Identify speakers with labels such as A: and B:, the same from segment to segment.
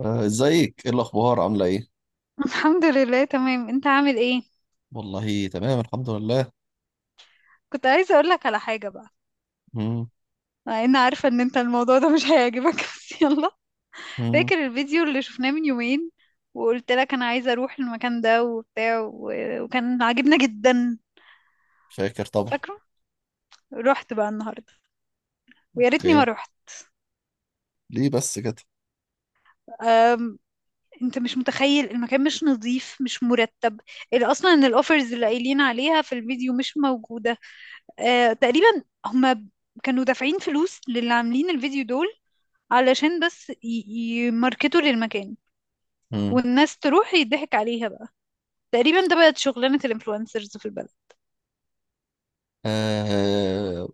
A: ازيك، ايه الاخبار، عامله ايه؟
B: الحمد لله تمام، انت عامل ايه؟
A: والله تمام الحمد لله.
B: كنت عايزه اقول لك على حاجه بقى.
A: مم.
B: مع ان عارفه ان انت الموضوع ده مش هيعجبك بس يلا.
A: مم.
B: فاكر الفيديو اللي شفناه من يومين وقلت لك انا عايزه اروح المكان ده وبتاع وكان عاجبنا جدا،
A: شاكر طبعا.
B: فاكره؟ رحت بقى النهارده ويا ريتني
A: اوكي.
B: ما رحت.
A: ليه بس كده؟
B: أم... انت مش متخيل، المكان مش نظيف، مش مرتب. اصلا ان الاوفرز اللي قايلين عليها في الفيديو مش موجوده. تقريبا هما كانوا دافعين فلوس للي عاملين الفيديو دول علشان بس يماركتوا للمكان
A: مم.
B: والناس تروح يضحك عليها بقى. تقريبا ده بقت شغلانة الانفلونسرز في البلد.
A: آه.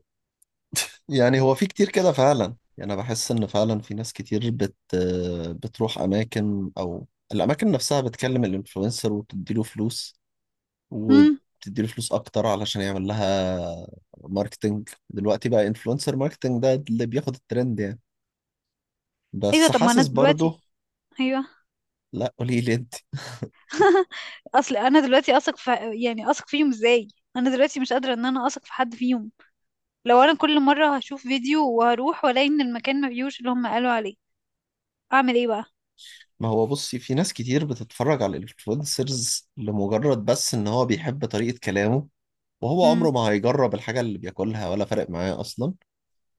A: يعني هو في كتير كده فعلا، يعني انا بحس ان فعلا في ناس كتير بت آه، بتروح اماكن او الاماكن نفسها بتكلم الانفلونسر وبتديله فلوس،
B: امم،
A: وبتديله فلوس اكتر علشان يعمل لها ماركتنج. دلوقتي بقى انفلونسر ماركتنج ده اللي بياخد الترند يعني.
B: ايوه.
A: بس
B: طب ما انا
A: حاسس
B: دلوقتي.
A: برضه.
B: ايوه.
A: لا قولي لي انت.
B: اصل انا دلوقتي اثق في، يعني اثق فيهم ازاي؟ انا دلوقتي مش قادرة ان انا اثق في حد فيهم. لو انا كل مرة هشوف فيديو وهروح والاقي ان المكان ما فيهوش اللي هم قالوا عليه، اعمل ايه بقى؟
A: ما هو بصي، في ناس كتير بتتفرج على الانفلونسرز لمجرد بس ان هو بيحب طريقة كلامه، وهو
B: امم.
A: عمره ما هيجرب الحاجة اللي بياكلها ولا فارق معاه اصلا.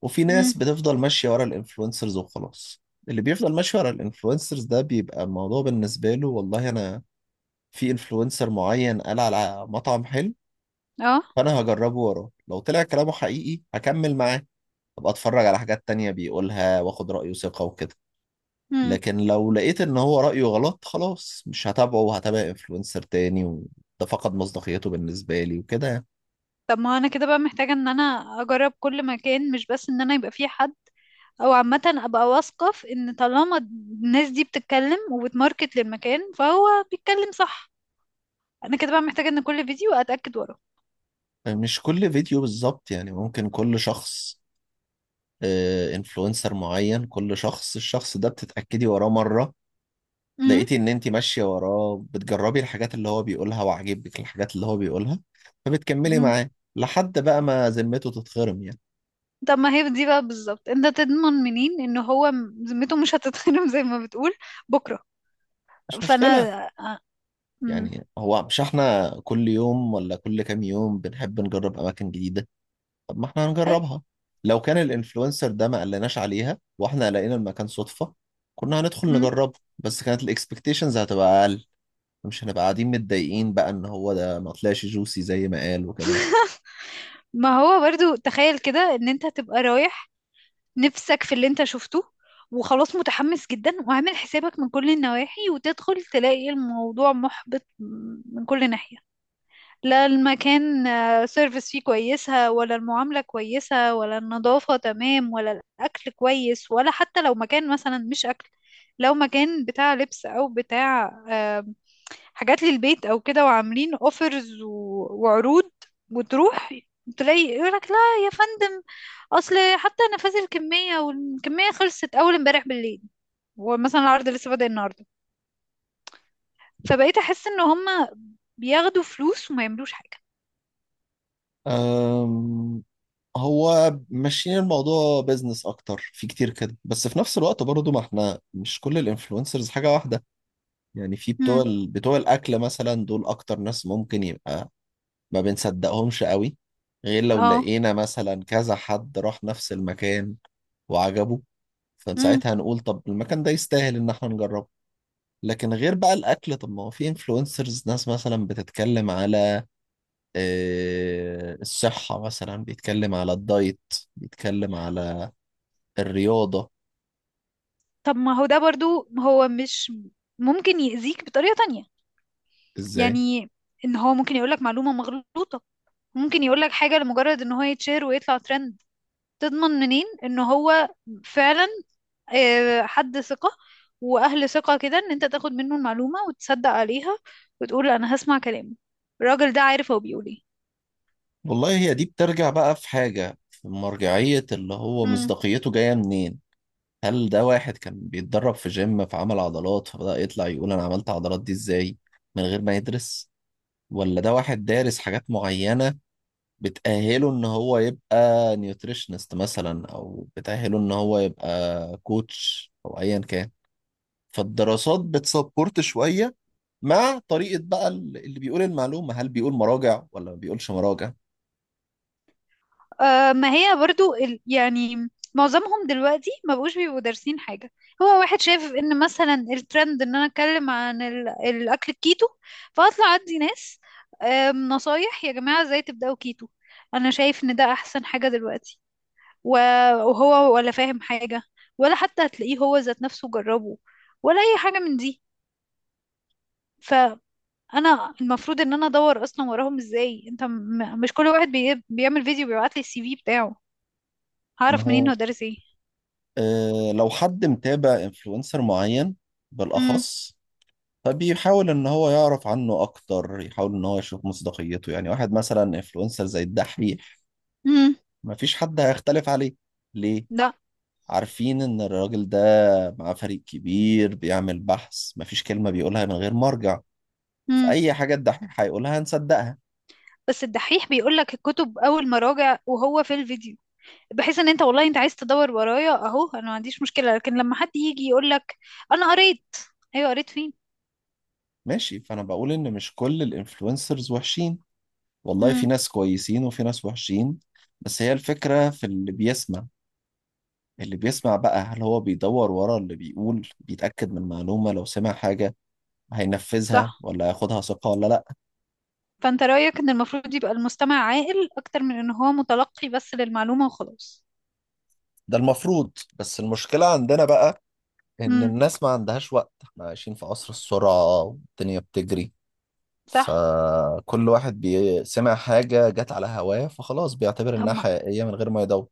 A: وفي
B: امم.
A: ناس بتفضل ماشية ورا الانفلونسرز وخلاص. اللي بيفضل ماشي ورا الانفلونسرز ده بيبقى الموضوع بالنسبة له، والله انا في انفلونسر معين قال على مطعم حلو،
B: اه.
A: فانا هجربه وراه، لو طلع كلامه حقيقي هكمل معاه، ابقى اتفرج على حاجات تانية بيقولها واخد رأيه ثقة وكده.
B: امم.
A: لكن لو لقيت ان هو رأيه غلط خلاص مش هتابعه وهتابع انفلونسر تاني، وده فقد مصداقيته بالنسبة لي وكده.
B: طب ما انا كده بقى محتاجة ان انا اجرب كل مكان، مش بس ان انا يبقى فيه حد او عامه ابقى واثقه في ان طالما الناس دي بتتكلم وبتماركت للمكان فهو بيتكلم صح. انا كده بقى محتاجه ان كل فيديو اتاكد وراه.
A: يعني مش كل فيديو بالظبط، يعني ممكن كل شخص، انفلونسر معين كل شخص، الشخص ده بتتأكدي وراه مرة،
B: امم.
A: لقيتي ان انت ماشية وراه بتجربي الحاجات اللي هو بيقولها وعاجبك الحاجات اللي هو بيقولها، فبتكملي
B: أمم.
A: معاه لحد بقى ما ذمته تتخرم يعني.
B: طب ما هي دي بقى بالظبط، انت تضمن منين ان هو ذمته مش هتتخرم زي ما بتقول بكره؟
A: مش
B: فانا،
A: مشكلة.
B: آه، أمم.
A: يعني هو مش احنا كل يوم ولا كل كام يوم بنحب نجرب أماكن جديدة؟ طب ما احنا
B: اي.
A: هنجربها. لو كان الانفلونسر ده ما قلناش عليها واحنا لقينا المكان صدفة كنا هندخل
B: أمم.
A: نجربه، بس كانت الاكسبكتيشنز هتبقى اقل. مش هنبقى قاعدين متضايقين بقى ان هو ده ما طلعش جوسي زي ما قال وكده.
B: ما هو برضو تخيل كده ان انت تبقى رايح نفسك في اللي انت شفته، وخلاص متحمس جدا وعامل حسابك من كل النواحي وتدخل تلاقي الموضوع محبط من كل ناحية. لا المكان، سيرفيس فيه كويسة ولا المعاملة كويسة ولا النظافة تمام ولا الأكل كويس، ولا حتى لو مكان مثلا مش أكل، لو مكان بتاع لبس أو بتاع آه، حاجات للبيت أو كده وعاملين أوفرز وعروض وتروح تلاقي يقولك لا يا فندم، أصل حتى نفاذ الكمية والكمية خلصت أول امبارح بالليل ومثلا العرض لسه بادئ النهاردة. فبقيت أحس إن هما بياخدوا فلوس وما يعملوش حاجة.
A: أم هو ماشيين الموضوع بيزنس اكتر في كتير كده، بس في نفس الوقت برضو ما احنا مش كل الانفلونسرز حاجة واحدة. يعني في
B: مم.
A: بتوع الاكل مثلا دول اكتر ناس ممكن يبقى ما بنصدقهمش قوي، غير لو
B: اه.
A: لقينا مثلا كذا حد راح نفس المكان وعجبه، فساعتها هنقول طب المكان ده يستاهل ان احنا نجربه. لكن غير بقى الاكل، طب ما هو في انفلونسرز ناس مثلا بتتكلم على آه، الصحة مثلا، بيتكلم على الدايت، بيتكلم على الرياضة.
B: طب ما هو ده برضو، هو مش ممكن يأذيك بطريقة تانية؟
A: ازاي؟
B: يعني ان هو ممكن يقولك معلومة مغلوطة، ممكن يقولك حاجة لمجرد ان هو يتشير ويطلع ترند. تضمن منين ان هو فعلا حد ثقة واهل ثقة كده ان انت تاخد منه المعلومة وتصدق عليها وتقول انا هسمع كلامه؟ الراجل ده عارف هو بيقول
A: والله هي دي بترجع بقى في حاجة، في مرجعية اللي هو
B: ايه.
A: مصداقيته جاية منين. هل ده واحد كان بيتدرب في جيم فعمل عضلات فبدأ يطلع يقول أنا عملت عضلات دي إزاي من غير ما يدرس، ولا ده واحد دارس حاجات معينة بتأهله إن هو يبقى نيوتريشنست مثلا، أو بتأهله إن هو يبقى كوتش أو أيا كان. فالدراسات بتسبورت شوية مع طريقة بقى اللي بيقول المعلومة، هل بيقول مراجع ولا ما بيقولش مراجع.
B: آه، ما هي برضو يعني معظمهم دلوقتي ما بقوش بيبقوا دارسين حاجة. هو واحد شايف ان مثلا الترند ان انا اتكلم عن الاكل الكيتو، فاطلع ادي ناس نصايح يا جماعة ازاي تبدأوا كيتو. انا شايف ان ده احسن حاجة دلوقتي و- وهو ولا فاهم حاجة، ولا حتى هتلاقيه هو ذات نفسه جربه ولا اي حاجة من دي. فانا المفروض ان انا ادور اصلا وراهم ازاي؟ انت مش كل واحد بيعمل فيديو بيبعت لي السي في بتاعه.
A: ما
B: هعرف منين هو
A: هو
B: دارس ايه؟
A: آه، لو حد متابع انفلونسر معين
B: امم.
A: بالأخص فبيحاول ان هو يعرف عنه اكتر، يحاول ان هو يشوف مصداقيته. يعني واحد مثلا انفلونسر زي الدحيح
B: امم.
A: مفيش حد هيختلف عليه. ليه؟
B: لا.
A: عارفين ان الراجل ده مع فريق كبير بيعمل بحث، مفيش كلمة بيقولها من غير مرجع.
B: امم.
A: فأي حاجة الدحيح هيقولها هنصدقها.
B: بس الدحيح بيقول لك الكتب اول ما راجع وهو في الفيديو، بحيث ان انت والله انت عايز تدور ورايا اهو، انا ما عنديش مشكلة. لكن لما حد يجي يقول لك انا قريت، ايوه قريت فين؟
A: ماشي، فأنا بقول إن مش كل الانفلونسرز وحشين، والله
B: امم.
A: في ناس كويسين وفي ناس وحشين، بس هي الفكرة في اللي بيسمع. اللي بيسمع بقى هل هو بيدور ورا اللي بيقول، بيتأكد من معلومة لو سمع حاجة، هينفذها
B: صح.
A: ولا هياخدها ثقة ولا لا.
B: فانت رأيك ان المفروض يبقى المستمع عاقل اكتر من ان هو متلقي بس للمعلومة وخلاص.
A: ده المفروض. بس المشكلة عندنا بقى إن
B: امم.
A: الناس ما عندهاش وقت، احنا عايشين في عصر السرعة والدنيا بتجري.
B: صح.
A: فكل واحد سمع حاجة جت على هواه فخلاص بيعتبر
B: طب
A: إنها حقيقية من غير ما يدور.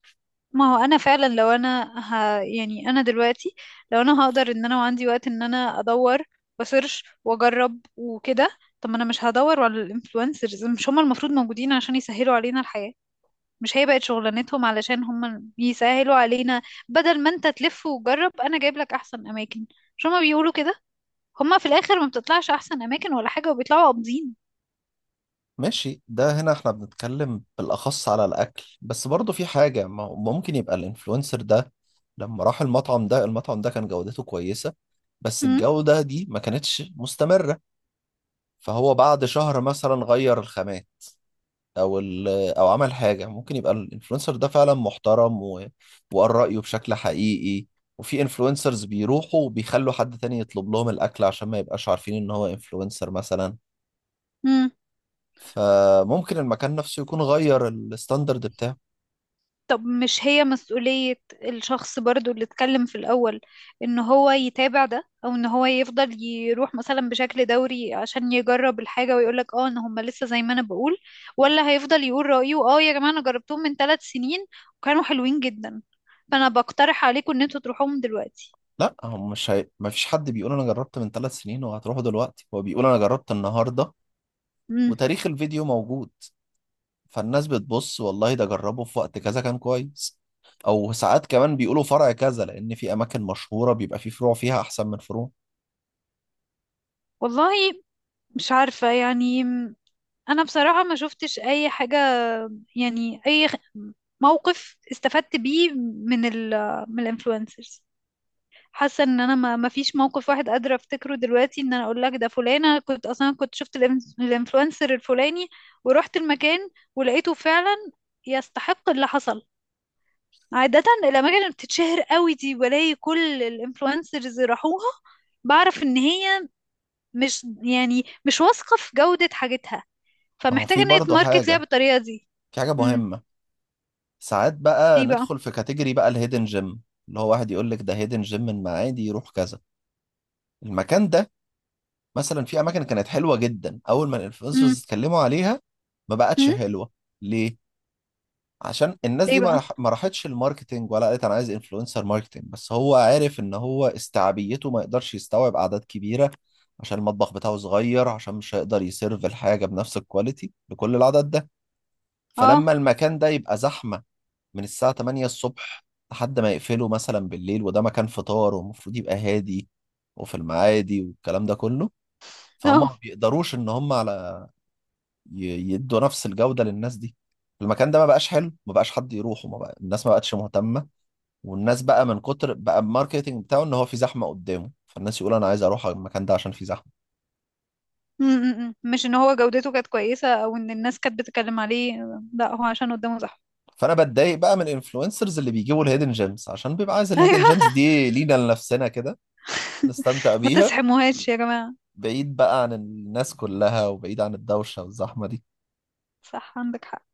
B: ما هو انا فعلا لو انا يعني انا دلوقتي لو انا هقدر ان انا وعندي وقت ان انا ادور وسيرش واجرب وكده، طب ما انا مش هدور على الانفلونسرز. مش هم المفروض موجودين عشان يسهلوا علينا الحياة؟ مش هي بقت شغلانتهم علشان هم يسهلوا علينا؟ بدل ما انت تلف وتجرب انا جايب لك احسن اماكن، مش هم بيقولوا كده؟ هم في الاخر ما بتطلعش احسن اماكن ولا حاجة وبيطلعوا قابضين.
A: ماشي، ده هنا احنا بنتكلم بالأخص على الأكل، بس برضه في حاجة، ما هو ممكن يبقى الإنفلونسر ده لما راح المطعم ده، المطعم ده كان جودته كويسة بس الجودة دي ما كانتش مستمرة، فهو بعد شهر مثلا غير الخامات، او او عمل حاجه. ممكن يبقى الانفلونسر ده فعلا محترم و... وقال رايه بشكل حقيقي. وفي انفلونسرز بيروحوا وبيخلوا حد تاني يطلب لهم الاكل عشان ما يبقاش عارفين ان هو انفلونسر مثلا،
B: امم.
A: فممكن المكان نفسه يكون غير الستاندرد بتاعه.
B: طب مش هي مسؤولية الشخص برضو اللي اتكلم في الأول إن هو يتابع ده؟ أو إن هو يفضل يروح مثلا بشكل دوري عشان يجرب الحاجة ويقولك اه إن هما لسه زي ما أنا بقول، ولا هيفضل يقول رأيه اه يا جماعة أنا جربتهم من 3 سنين وكانوا حلوين جدا فأنا بقترح عليكم إن انتوا تروحوهم دلوقتي.
A: لا هو مش ما فيش حد بيقول انا جربت من ثلاث سنين وهتروحوا دلوقتي، هو بيقول انا جربت النهارده
B: مم.
A: وتاريخ الفيديو موجود. فالناس بتبص، والله ده جربه في وقت كذا كان كويس، او ساعات كمان بيقولوا فرع كذا، لان في اماكن مشهوره بيبقى في فروع فيها احسن من فروع.
B: والله مش عارفة يعني. أنا بصراحة ما شفتش أي حاجة، يعني أي موقف استفدت بيه من ال من الانفلونسرز. حاسه ان انا ما فيش موقف واحد قادره افتكره دلوقتي ان انا اقول لك ده فلانه، كنت اصلا كنت شفت الانفلونسر الفلاني ورحت المكان ولقيته فعلا يستحق اللي حصل. عاده الاماكن اللي بتتشهر قوي دي بلاقي كل الانفلونسرز راحوها، بعرف ان هي مش يعني مش واثقه في جوده حاجتها،
A: ما هو
B: فمحتاجه
A: في
B: ان هي
A: برضه
B: تماركت ليها
A: حاجه،
B: بالطريقه دي.
A: في حاجه
B: امم.
A: مهمه. ساعات بقى
B: ايه بقى؟
A: ندخل في كاتيجوري بقى الهيدن جيم، اللي هو واحد يقول لك ده هيدن جيم من معادي، يروح كذا المكان ده. مثلا في اماكن كانت حلوه جدا اول ما
B: امم.
A: الانفلونسرز اتكلموا عليها ما بقتش
B: امم.
A: حلوه. ليه؟ عشان الناس
B: ايه
A: دي
B: بقى؟
A: ما راحتش الماركتينج ولا قالت انا عايز انفلونسر ماركتينج، بس هو عارف ان هو استيعابيته ما يقدرش يستوعب اعداد كبيره. عشان المطبخ بتاعه صغير، عشان مش هيقدر يسيرف الحاجه بنفس الكواليتي لكل العدد ده.
B: اه.
A: فلما المكان ده يبقى زحمه من الساعه 8 الصبح لحد ما يقفله مثلا بالليل، وده مكان فطار ومفروض يبقى هادي وفي المعادي والكلام ده كله، فهم
B: آه.
A: ما بيقدروش ان هم على يدوا نفس الجودة للناس دي. المكان ده ما بقاش حلو، ما بقاش حد يروحه، ما بقى الناس ما بقتش مهتمة. والناس بقى من كتر بقى الماركتينج بتاعه ان هو في زحمة قدامه، فالناس يقول انا عايز اروح على المكان ده عشان في زحمة.
B: م- م- م. مش ان هو جودته كانت كويسة او ان الناس كانت بتتكلم عليه، لا هو عشان قدامه. صح.
A: فانا بتضايق بقى من الانفلونسرز اللي بيجيبوا الهيدن جيمز عشان بيبقى عايز
B: ايوه.
A: الهيدن جيمز دي لينا لنفسنا كده، نستمتع
B: ما
A: بيها
B: تسحموهاش يا جماعة.
A: بعيد بقى عن الناس كلها وبعيد عن الدوشة والزحمة دي
B: صح عندك حق.